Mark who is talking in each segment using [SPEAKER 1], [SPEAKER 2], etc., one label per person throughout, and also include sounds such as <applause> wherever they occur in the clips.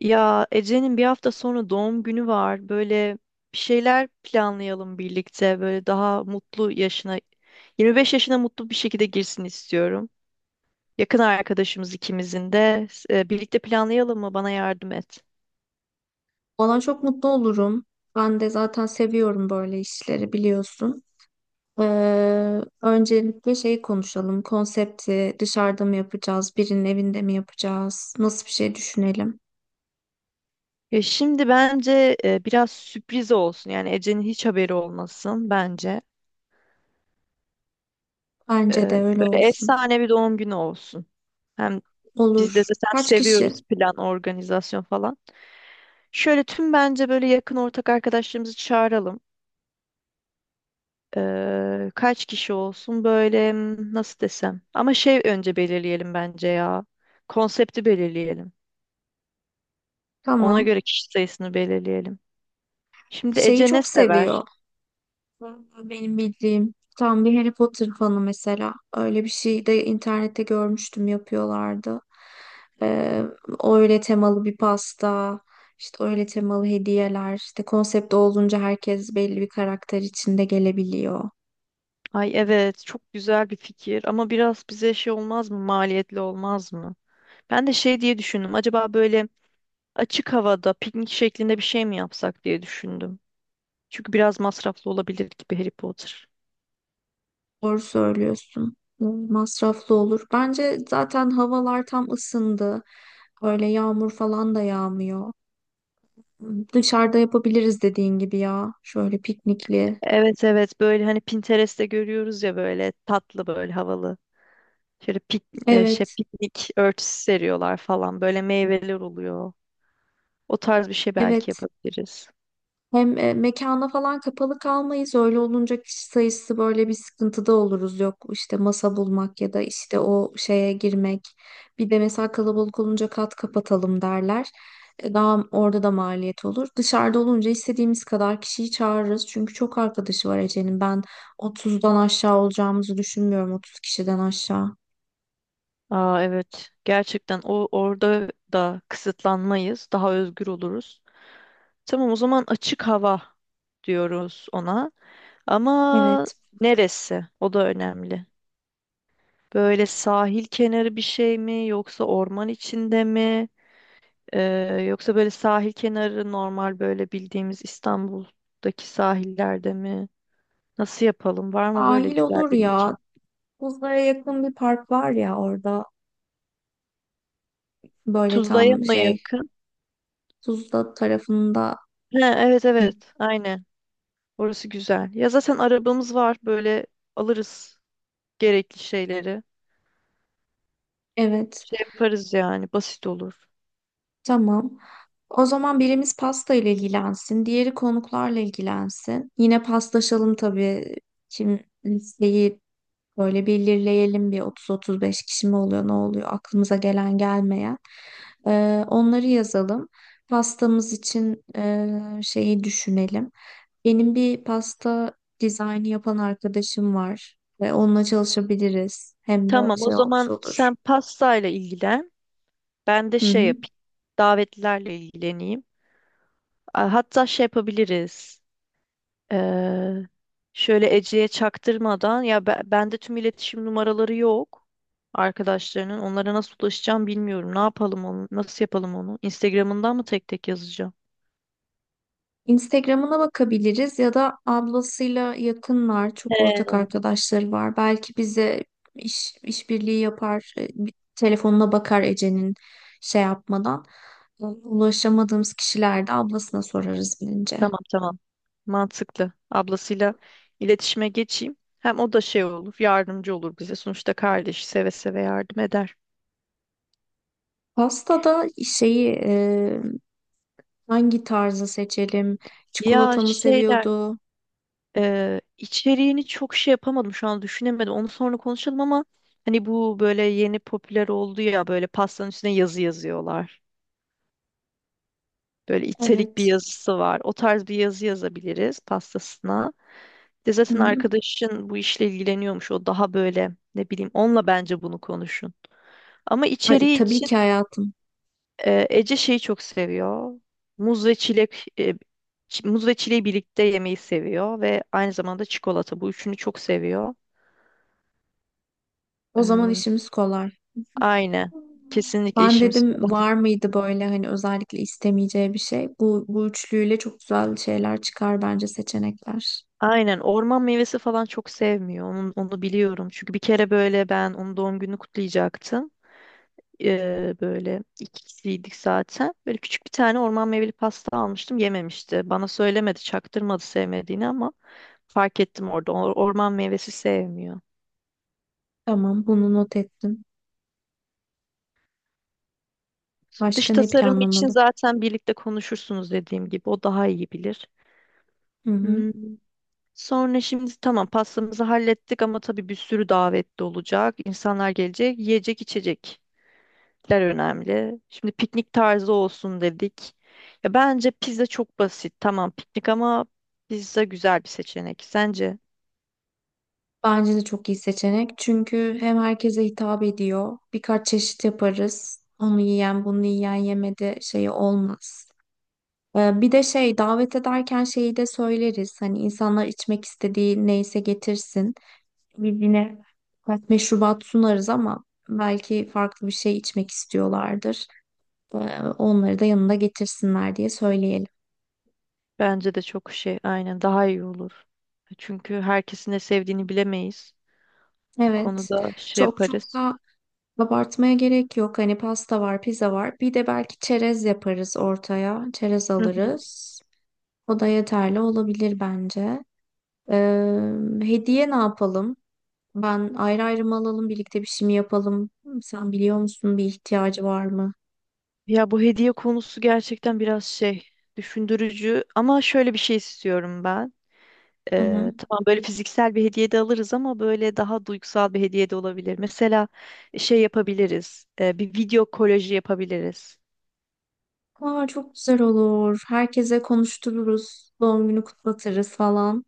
[SPEAKER 1] Ya Ece'nin bir hafta sonra doğum günü var. Böyle bir şeyler planlayalım birlikte. Böyle daha mutlu yaşına, 25 yaşına mutlu bir şekilde girsin istiyorum. Yakın arkadaşımız ikimizin de. Birlikte planlayalım mı? Bana yardım et.
[SPEAKER 2] Ona çok mutlu olurum. Ben de zaten seviyorum böyle işleri biliyorsun. Öncelikle şeyi konuşalım. Konsepti dışarıda mı yapacağız, birinin evinde mi yapacağız? Nasıl bir şey düşünelim?
[SPEAKER 1] Ya şimdi bence biraz sürpriz olsun. Yani Ece'nin hiç haberi olmasın bence. E,
[SPEAKER 2] Bence de öyle
[SPEAKER 1] Böyle
[SPEAKER 2] olsun.
[SPEAKER 1] efsane bir doğum günü olsun. Hem biz de
[SPEAKER 2] Olur.
[SPEAKER 1] zaten
[SPEAKER 2] Kaç kişi?
[SPEAKER 1] seviyoruz plan, organizasyon falan. Şöyle tüm bence böyle yakın ortak arkadaşlarımızı çağıralım. Kaç kişi olsun böyle nasıl desem. Ama şey önce belirleyelim bence ya. Konsepti belirleyelim. Ona
[SPEAKER 2] Tamam.
[SPEAKER 1] göre kişi sayısını belirleyelim. Şimdi
[SPEAKER 2] Şeyi
[SPEAKER 1] Ece ne
[SPEAKER 2] çok
[SPEAKER 1] sever?
[SPEAKER 2] seviyor. Benim bildiğim tam bir Harry Potter fanı mesela. Öyle bir şey de internette görmüştüm yapıyorlardı. Ee, Öyle temalı bir pasta, işte öyle temalı hediyeler, işte konsept olunca herkes belli bir karakter içinde gelebiliyor.
[SPEAKER 1] Ay evet, çok güzel bir fikir ama biraz bize şey olmaz mı? Maliyetli olmaz mı? Ben de şey diye düşündüm. Acaba böyle açık havada piknik şeklinde bir şey mi yapsak diye düşündüm. Çünkü biraz masraflı olabilir gibi Harry Potter.
[SPEAKER 2] Doğru söylüyorsun. Masraflı olur. Bence zaten havalar tam ısındı. Böyle yağmur falan da yağmıyor. Dışarıda yapabiliriz dediğin gibi ya. Şöyle piknikli.
[SPEAKER 1] Evet evet, böyle hani Pinterest'te görüyoruz ya, böyle tatlı, böyle havalı. Şöyle
[SPEAKER 2] Evet,
[SPEAKER 1] piknik örtüsü seriyorlar falan. Böyle meyveler oluyor. O tarz bir şey belki
[SPEAKER 2] evet.
[SPEAKER 1] yapabiliriz.
[SPEAKER 2] Hem mekana falan kapalı kalmayız. Öyle olunca kişi sayısı böyle bir sıkıntıda oluruz. Yok işte masa bulmak ya da işte o şeye girmek. Bir de mesela kalabalık olunca kat kapatalım derler. Daha orada da maliyet olur. Dışarıda olunca istediğimiz kadar kişiyi çağırırız. Çünkü çok arkadaşı var Ece'nin. Ben 30'dan aşağı olacağımızı düşünmüyorum. 30 kişiden aşağı.
[SPEAKER 1] Aa evet. Gerçekten orada da kısıtlanmayız. Daha özgür oluruz. Tamam, o zaman açık hava diyoruz ona. Ama
[SPEAKER 2] Evet.
[SPEAKER 1] neresi? O da önemli. Böyle sahil kenarı bir şey mi, yoksa orman içinde mi? Ee, yoksa böyle sahil kenarı normal, böyle bildiğimiz İstanbul'daki sahillerde mi? Nasıl yapalım? Var mı böyle
[SPEAKER 2] Sahil
[SPEAKER 1] güzel
[SPEAKER 2] olur
[SPEAKER 1] bir
[SPEAKER 2] ya.
[SPEAKER 1] mekan?
[SPEAKER 2] Tuzla'ya yakın bir park var ya orada. Böyle
[SPEAKER 1] Tuzla'ya
[SPEAKER 2] tam
[SPEAKER 1] mı
[SPEAKER 2] şey
[SPEAKER 1] yakın?
[SPEAKER 2] Tuzla tarafında.
[SPEAKER 1] Ha, evet
[SPEAKER 2] Hı.
[SPEAKER 1] evet aynen. Orası güzel. Ya zaten arabamız var, böyle alırız gerekli şeyleri.
[SPEAKER 2] Evet.
[SPEAKER 1] Şey yaparız yani, basit olur.
[SPEAKER 2] Tamam. O zaman birimiz pasta ile ilgilensin, diğeri konuklarla ilgilensin. Yine paslaşalım tabii. Kim listeyi böyle belirleyelim, bir 30-35 kişi mi oluyor, ne oluyor aklımıza gelen gelmeyen. Onları yazalım. Pastamız için şeyi düşünelim. Benim bir pasta dizaynı yapan arkadaşım var ve onunla çalışabiliriz. Hem de
[SPEAKER 1] Tamam, o
[SPEAKER 2] şey olmuş
[SPEAKER 1] zaman
[SPEAKER 2] olur.
[SPEAKER 1] sen pastayla ilgilen. Ben de
[SPEAKER 2] Hı
[SPEAKER 1] şey
[SPEAKER 2] hı.
[SPEAKER 1] yapayım. Davetlilerle ilgileneyim. Hatta şey yapabiliriz. Ee, şöyle Ece'ye çaktırmadan ya, bende tüm iletişim numaraları yok arkadaşlarının. Onlara nasıl ulaşacağım bilmiyorum. Ne yapalım onu? Nasıl yapalım onu? Instagram'ından mı tek tek yazacağım?
[SPEAKER 2] Instagram'ına bakabiliriz ya da ablasıyla yakınlar, çok ortak
[SPEAKER 1] He.
[SPEAKER 2] arkadaşları var. Belki bize işbirliği yapar, bir telefonuna bakar Ece'nin şey yapmadan. Ulaşamadığımız kişilerde ablasına sorarız bilince.
[SPEAKER 1] Tamam tamam. Mantıklı. Ablasıyla iletişime geçeyim. Hem o da şey olur, yardımcı olur bize. Sonuçta kardeş seve seve yardım eder.
[SPEAKER 2] Pastada şeyi hangi tarzı seçelim?
[SPEAKER 1] Ya
[SPEAKER 2] Çikolata mı
[SPEAKER 1] şeyler
[SPEAKER 2] seviyordu?
[SPEAKER 1] İçeriğini çok şey yapamadım, şu an düşünemedim. Onu sonra konuşalım ama hani bu böyle yeni popüler oldu ya, böyle pastanın üstüne yazı yazıyorlar. Böyle italik bir
[SPEAKER 2] Evet.
[SPEAKER 1] yazısı var. O tarz bir yazı yazabiliriz pastasına. Bir de
[SPEAKER 2] Hı
[SPEAKER 1] zaten
[SPEAKER 2] hı.
[SPEAKER 1] arkadaşın bu işle ilgileniyormuş. O daha böyle, ne bileyim, onunla bence bunu konuşun. Ama
[SPEAKER 2] Ay,
[SPEAKER 1] içeriği
[SPEAKER 2] tabii
[SPEAKER 1] için
[SPEAKER 2] ki hayatım.
[SPEAKER 1] Ece şeyi çok seviyor. Muz ve çilek, muz ve çileği birlikte yemeyi seviyor ve aynı zamanda çikolata. Bu üçünü çok seviyor.
[SPEAKER 2] O zaman işimiz kolay.
[SPEAKER 1] Aynen. Kesinlikle
[SPEAKER 2] Ben
[SPEAKER 1] işimiz
[SPEAKER 2] dedim
[SPEAKER 1] kolay.
[SPEAKER 2] var mıydı böyle hani özellikle istemeyeceği bir şey. Bu üçlüyle çok güzel şeyler çıkar bence seçenekler.
[SPEAKER 1] Aynen. Orman meyvesi falan çok sevmiyor. Onu biliyorum. Çünkü bir kere böyle ben onun doğum gününü kutlayacaktım. Böyle iki kişiydik zaten. Böyle küçük bir tane orman meyveli pasta almıştım. Yememişti. Bana söylemedi, çaktırmadı sevmediğini ama fark ettim orada. Orman meyvesi sevmiyor.
[SPEAKER 2] Tamam bunu not ettim.
[SPEAKER 1] Dış
[SPEAKER 2] Başka ne
[SPEAKER 1] tasarım için
[SPEAKER 2] planlamalı?
[SPEAKER 1] zaten birlikte konuşursunuz, dediğim gibi. O daha iyi bilir.
[SPEAKER 2] Hı hı.
[SPEAKER 1] Hmm. Sonra şimdi tamam, pastamızı hallettik ama tabii bir sürü davetli olacak. İnsanlar gelecek. Yiyecek içecekler önemli. Şimdi piknik tarzı olsun dedik. Ya bence pizza çok basit. Tamam, piknik ama pizza güzel bir seçenek. Sence?
[SPEAKER 2] Bence de çok iyi seçenek. Çünkü hem herkese hitap ediyor. Birkaç çeşit yaparız. Onu yiyen, bunu yiyen yemedi şeyi olmaz. Bir de şey davet ederken şeyi de söyleriz. Hani insanlar içmek istediği neyse getirsin. Birbirine birkaç meşrubat sunarız ama belki farklı bir şey içmek istiyorlardır. Ee, Onları da yanında getirsinler diye söyleyelim.
[SPEAKER 1] Bence de çok şey, aynen, daha iyi olur. Çünkü herkesin ne sevdiğini bilemeyiz. Bu
[SPEAKER 2] Evet,
[SPEAKER 1] konuda şey
[SPEAKER 2] çok çok
[SPEAKER 1] yaparız.
[SPEAKER 2] da abartmaya gerek yok. Hani pasta var, pizza var. Bir de belki çerez yaparız ortaya. Çerez
[SPEAKER 1] Hı hı.
[SPEAKER 2] alırız. O da yeterli olabilir bence. Ee, Hediye ne yapalım? Ben ayrı ayrı mı alalım, birlikte bir şey mi yapalım? Sen biliyor musun bir ihtiyacı var mı?
[SPEAKER 1] Ya bu hediye konusu gerçekten biraz şey, düşündürücü ama şöyle bir şey istiyorum ben.
[SPEAKER 2] Hı hı.
[SPEAKER 1] Tamam, böyle fiziksel bir hediye de alırız ama böyle daha duygusal bir hediye de olabilir. Mesela şey yapabiliriz. Bir video kolaji yapabiliriz.
[SPEAKER 2] Aa, çok güzel olur. Herkese konuştururuz. Doğum günü kutlatırız falan.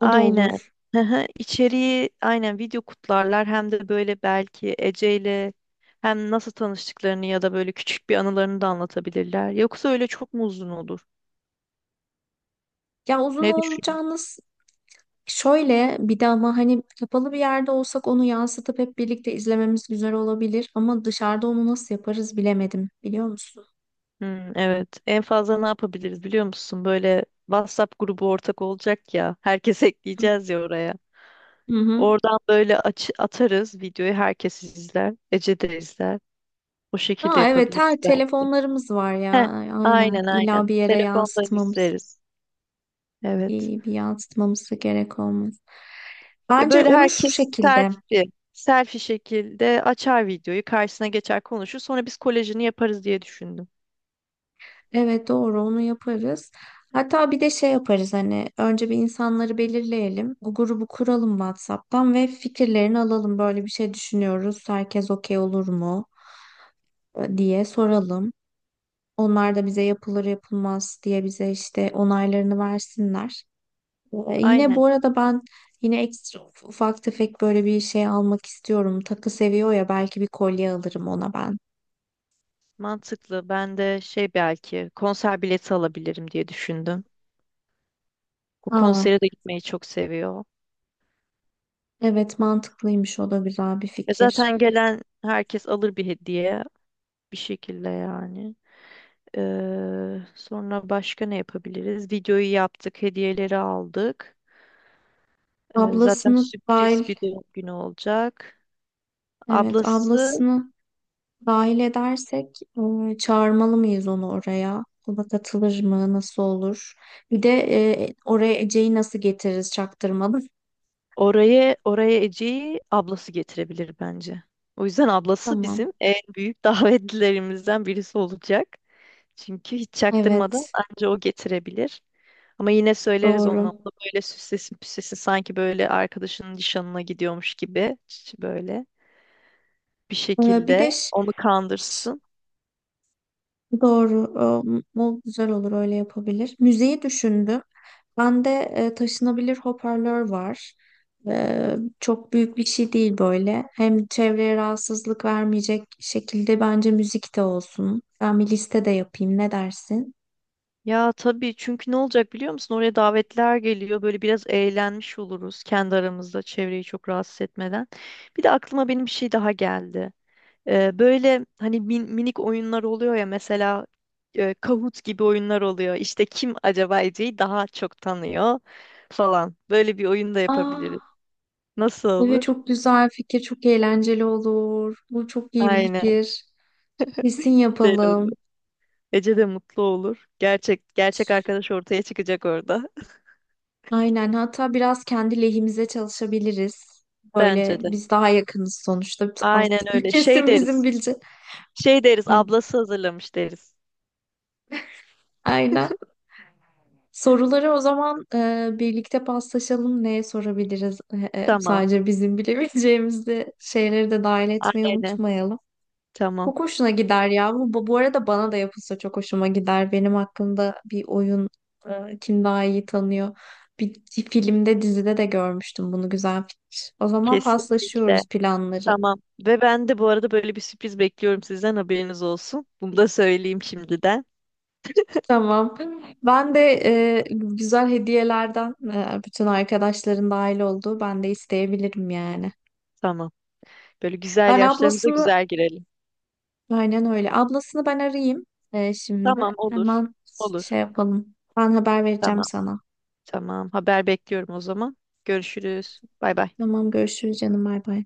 [SPEAKER 2] O da olur.
[SPEAKER 1] Hı hı, İçeriği aynen video kutlarlar hem de böyle belki Ece ile hem nasıl tanıştıklarını ya da böyle küçük bir anılarını da anlatabilirler. Yoksa öyle çok mu uzun olur?
[SPEAKER 2] Ya uzun
[SPEAKER 1] Ne düşünüyorsun?
[SPEAKER 2] olacağını s- Şöyle bir de ama hani kapalı bir yerde olsak onu yansıtıp hep birlikte izlememiz güzel olabilir. Ama dışarıda onu nasıl yaparız bilemedim. Biliyor musun?
[SPEAKER 1] Hmm, evet. En fazla ne yapabiliriz biliyor musun? Böyle WhatsApp grubu ortak olacak ya. Herkes <laughs> ekleyeceğiz ya oraya.
[SPEAKER 2] Hı hı.
[SPEAKER 1] Oradan böyle atarız videoyu, herkes izler. Ece de izler. O şekilde
[SPEAKER 2] Aa, evet
[SPEAKER 1] yapabiliriz
[SPEAKER 2] her
[SPEAKER 1] belki.
[SPEAKER 2] telefonlarımız var ya.
[SPEAKER 1] Heh,
[SPEAKER 2] Aynen.
[SPEAKER 1] aynen
[SPEAKER 2] İlla bir
[SPEAKER 1] aynen.
[SPEAKER 2] yere
[SPEAKER 1] Telefondan
[SPEAKER 2] yansıtmamız,
[SPEAKER 1] izleriz. Evet.
[SPEAKER 2] iyi bir yansıtmamız da gerek olmaz.
[SPEAKER 1] Ya
[SPEAKER 2] Bence
[SPEAKER 1] böyle
[SPEAKER 2] onu şu
[SPEAKER 1] herkes
[SPEAKER 2] şekilde.
[SPEAKER 1] selfie şekilde açar videoyu, karşısına geçer konuşur. Sonra biz kolejini yaparız diye düşündüm.
[SPEAKER 2] Evet doğru onu yaparız. Hatta bir de şey yaparız, hani önce bir insanları belirleyelim. Bu grubu kuralım WhatsApp'tan ve fikirlerini alalım. Böyle bir şey düşünüyoruz. Herkes okey olur mu diye soralım. Onlar da bize yapılır yapılmaz diye bize işte onaylarını versinler. Yine
[SPEAKER 1] Aynen.
[SPEAKER 2] bu arada ben yine ekstra ufak tefek böyle bir şey almak istiyorum. Takı seviyor ya belki bir kolye alırım ona ben.
[SPEAKER 1] Mantıklı. Ben de şey, belki konser bileti alabilirim diye düşündüm. Bu
[SPEAKER 2] Aa,
[SPEAKER 1] konsere de gitmeyi çok seviyor.
[SPEAKER 2] evet mantıklıymış o da güzel bir
[SPEAKER 1] E
[SPEAKER 2] fikir.
[SPEAKER 1] zaten gelen herkes alır bir hediye bir şekilde yani. Sonra başka ne yapabiliriz? Videoyu yaptık, hediyeleri aldık. Zaten
[SPEAKER 2] Ablasını
[SPEAKER 1] sürpriz
[SPEAKER 2] dahil.
[SPEAKER 1] bir doğum günü olacak.
[SPEAKER 2] Evet,
[SPEAKER 1] Ablası
[SPEAKER 2] ablasını dahil edersek çağırmalı mıyız onu oraya? O da katılır mı? Nasıl olur? Bir de oraya Ece'yi nasıl getiririz çaktırmalı? <laughs>
[SPEAKER 1] oraya Ece'yi ablası getirebilir bence. O yüzden ablası
[SPEAKER 2] Tamam.
[SPEAKER 1] bizim en büyük <laughs> davetlilerimizden birisi olacak. Çünkü hiç çaktırmadan
[SPEAKER 2] Evet,
[SPEAKER 1] anca o getirebilir. Ama yine söyleriz ona. O
[SPEAKER 2] doğru.
[SPEAKER 1] da böyle süslesin püslesin sanki böyle arkadaşının nişanına gidiyormuş gibi. Böyle bir
[SPEAKER 2] E, bir
[SPEAKER 1] şekilde
[SPEAKER 2] de
[SPEAKER 1] onu
[SPEAKER 2] ş-
[SPEAKER 1] kandırsın.
[SPEAKER 2] Doğru. O güzel olur öyle yapabilir. Müziği düşündüm. Bende taşınabilir hoparlör var. Çok büyük bir şey değil böyle. Hem çevreye rahatsızlık vermeyecek şekilde bence müzik de olsun. Ben bir liste de yapayım. Ne dersin?
[SPEAKER 1] Ya tabii, çünkü ne olacak biliyor musun? Oraya davetler geliyor. Böyle biraz eğlenmiş oluruz kendi aramızda, çevreyi çok rahatsız etmeden. Bir de aklıma benim bir şey daha geldi. Böyle hani minik oyunlar oluyor ya, mesela Kahoot gibi oyunlar oluyor. İşte kim acaba Ece'yi daha çok tanıyor falan. Böyle bir oyun da yapabiliriz.
[SPEAKER 2] Aa,
[SPEAKER 1] Nasıl
[SPEAKER 2] evet
[SPEAKER 1] olur?
[SPEAKER 2] çok güzel fikir, çok eğlenceli olur. Bu çok iyi bir
[SPEAKER 1] Aynen,
[SPEAKER 2] fikir. Kesin
[SPEAKER 1] güzel olur.
[SPEAKER 2] yapalım.
[SPEAKER 1] Ece de mutlu olur. Gerçek gerçek arkadaş ortaya çıkacak orada.
[SPEAKER 2] Aynen. Hatta biraz kendi lehimize çalışabiliriz.
[SPEAKER 1] <laughs> Bence
[SPEAKER 2] Böyle
[SPEAKER 1] de.
[SPEAKER 2] biz daha yakınız sonuçta.
[SPEAKER 1] Aynen
[SPEAKER 2] <laughs>
[SPEAKER 1] öyle. Şey
[SPEAKER 2] Kesin bizim
[SPEAKER 1] deriz.
[SPEAKER 2] bilecek.
[SPEAKER 1] Şey deriz,
[SPEAKER 2] Hı.
[SPEAKER 1] ablası hazırlamış deriz.
[SPEAKER 2] Aynen. Soruları o zaman birlikte paslaşalım. Neye sorabiliriz?
[SPEAKER 1] Tamam.
[SPEAKER 2] Sadece bizim bilebileceğimiz de şeyleri de dahil etmeyi
[SPEAKER 1] Aynen.
[SPEAKER 2] unutmayalım.
[SPEAKER 1] Tamam.
[SPEAKER 2] Çok hoşuna gider ya. Bu arada bana da yapılsa çok hoşuma gider. Benim hakkında bir oyun kim daha iyi tanıyor. Bir filmde, dizide de görmüştüm bunu. Güzel fikir. O zaman
[SPEAKER 1] Kesinlikle.
[SPEAKER 2] paslaşıyoruz planları.
[SPEAKER 1] Tamam. Ve ben de bu arada böyle bir sürpriz bekliyorum sizden, haberiniz olsun. Bunu da söyleyeyim şimdiden.
[SPEAKER 2] Tamam. Ben de güzel hediyelerden bütün arkadaşların dahil olduğu ben de isteyebilirim yani.
[SPEAKER 1] Tamam. Böyle güzel
[SPEAKER 2] Ben
[SPEAKER 1] yaşlarımıza
[SPEAKER 2] ablasını
[SPEAKER 1] güzel girelim.
[SPEAKER 2] aynen öyle. Ablasını ben arayayım şimdi.
[SPEAKER 1] Tamam, olur.
[SPEAKER 2] Hemen şey
[SPEAKER 1] Olur.
[SPEAKER 2] yapalım. Ben haber vereceğim
[SPEAKER 1] Tamam.
[SPEAKER 2] sana.
[SPEAKER 1] Tamam. Haber bekliyorum o zaman. Görüşürüz. Bay bay.
[SPEAKER 2] Tamam görüşürüz canım bay bay.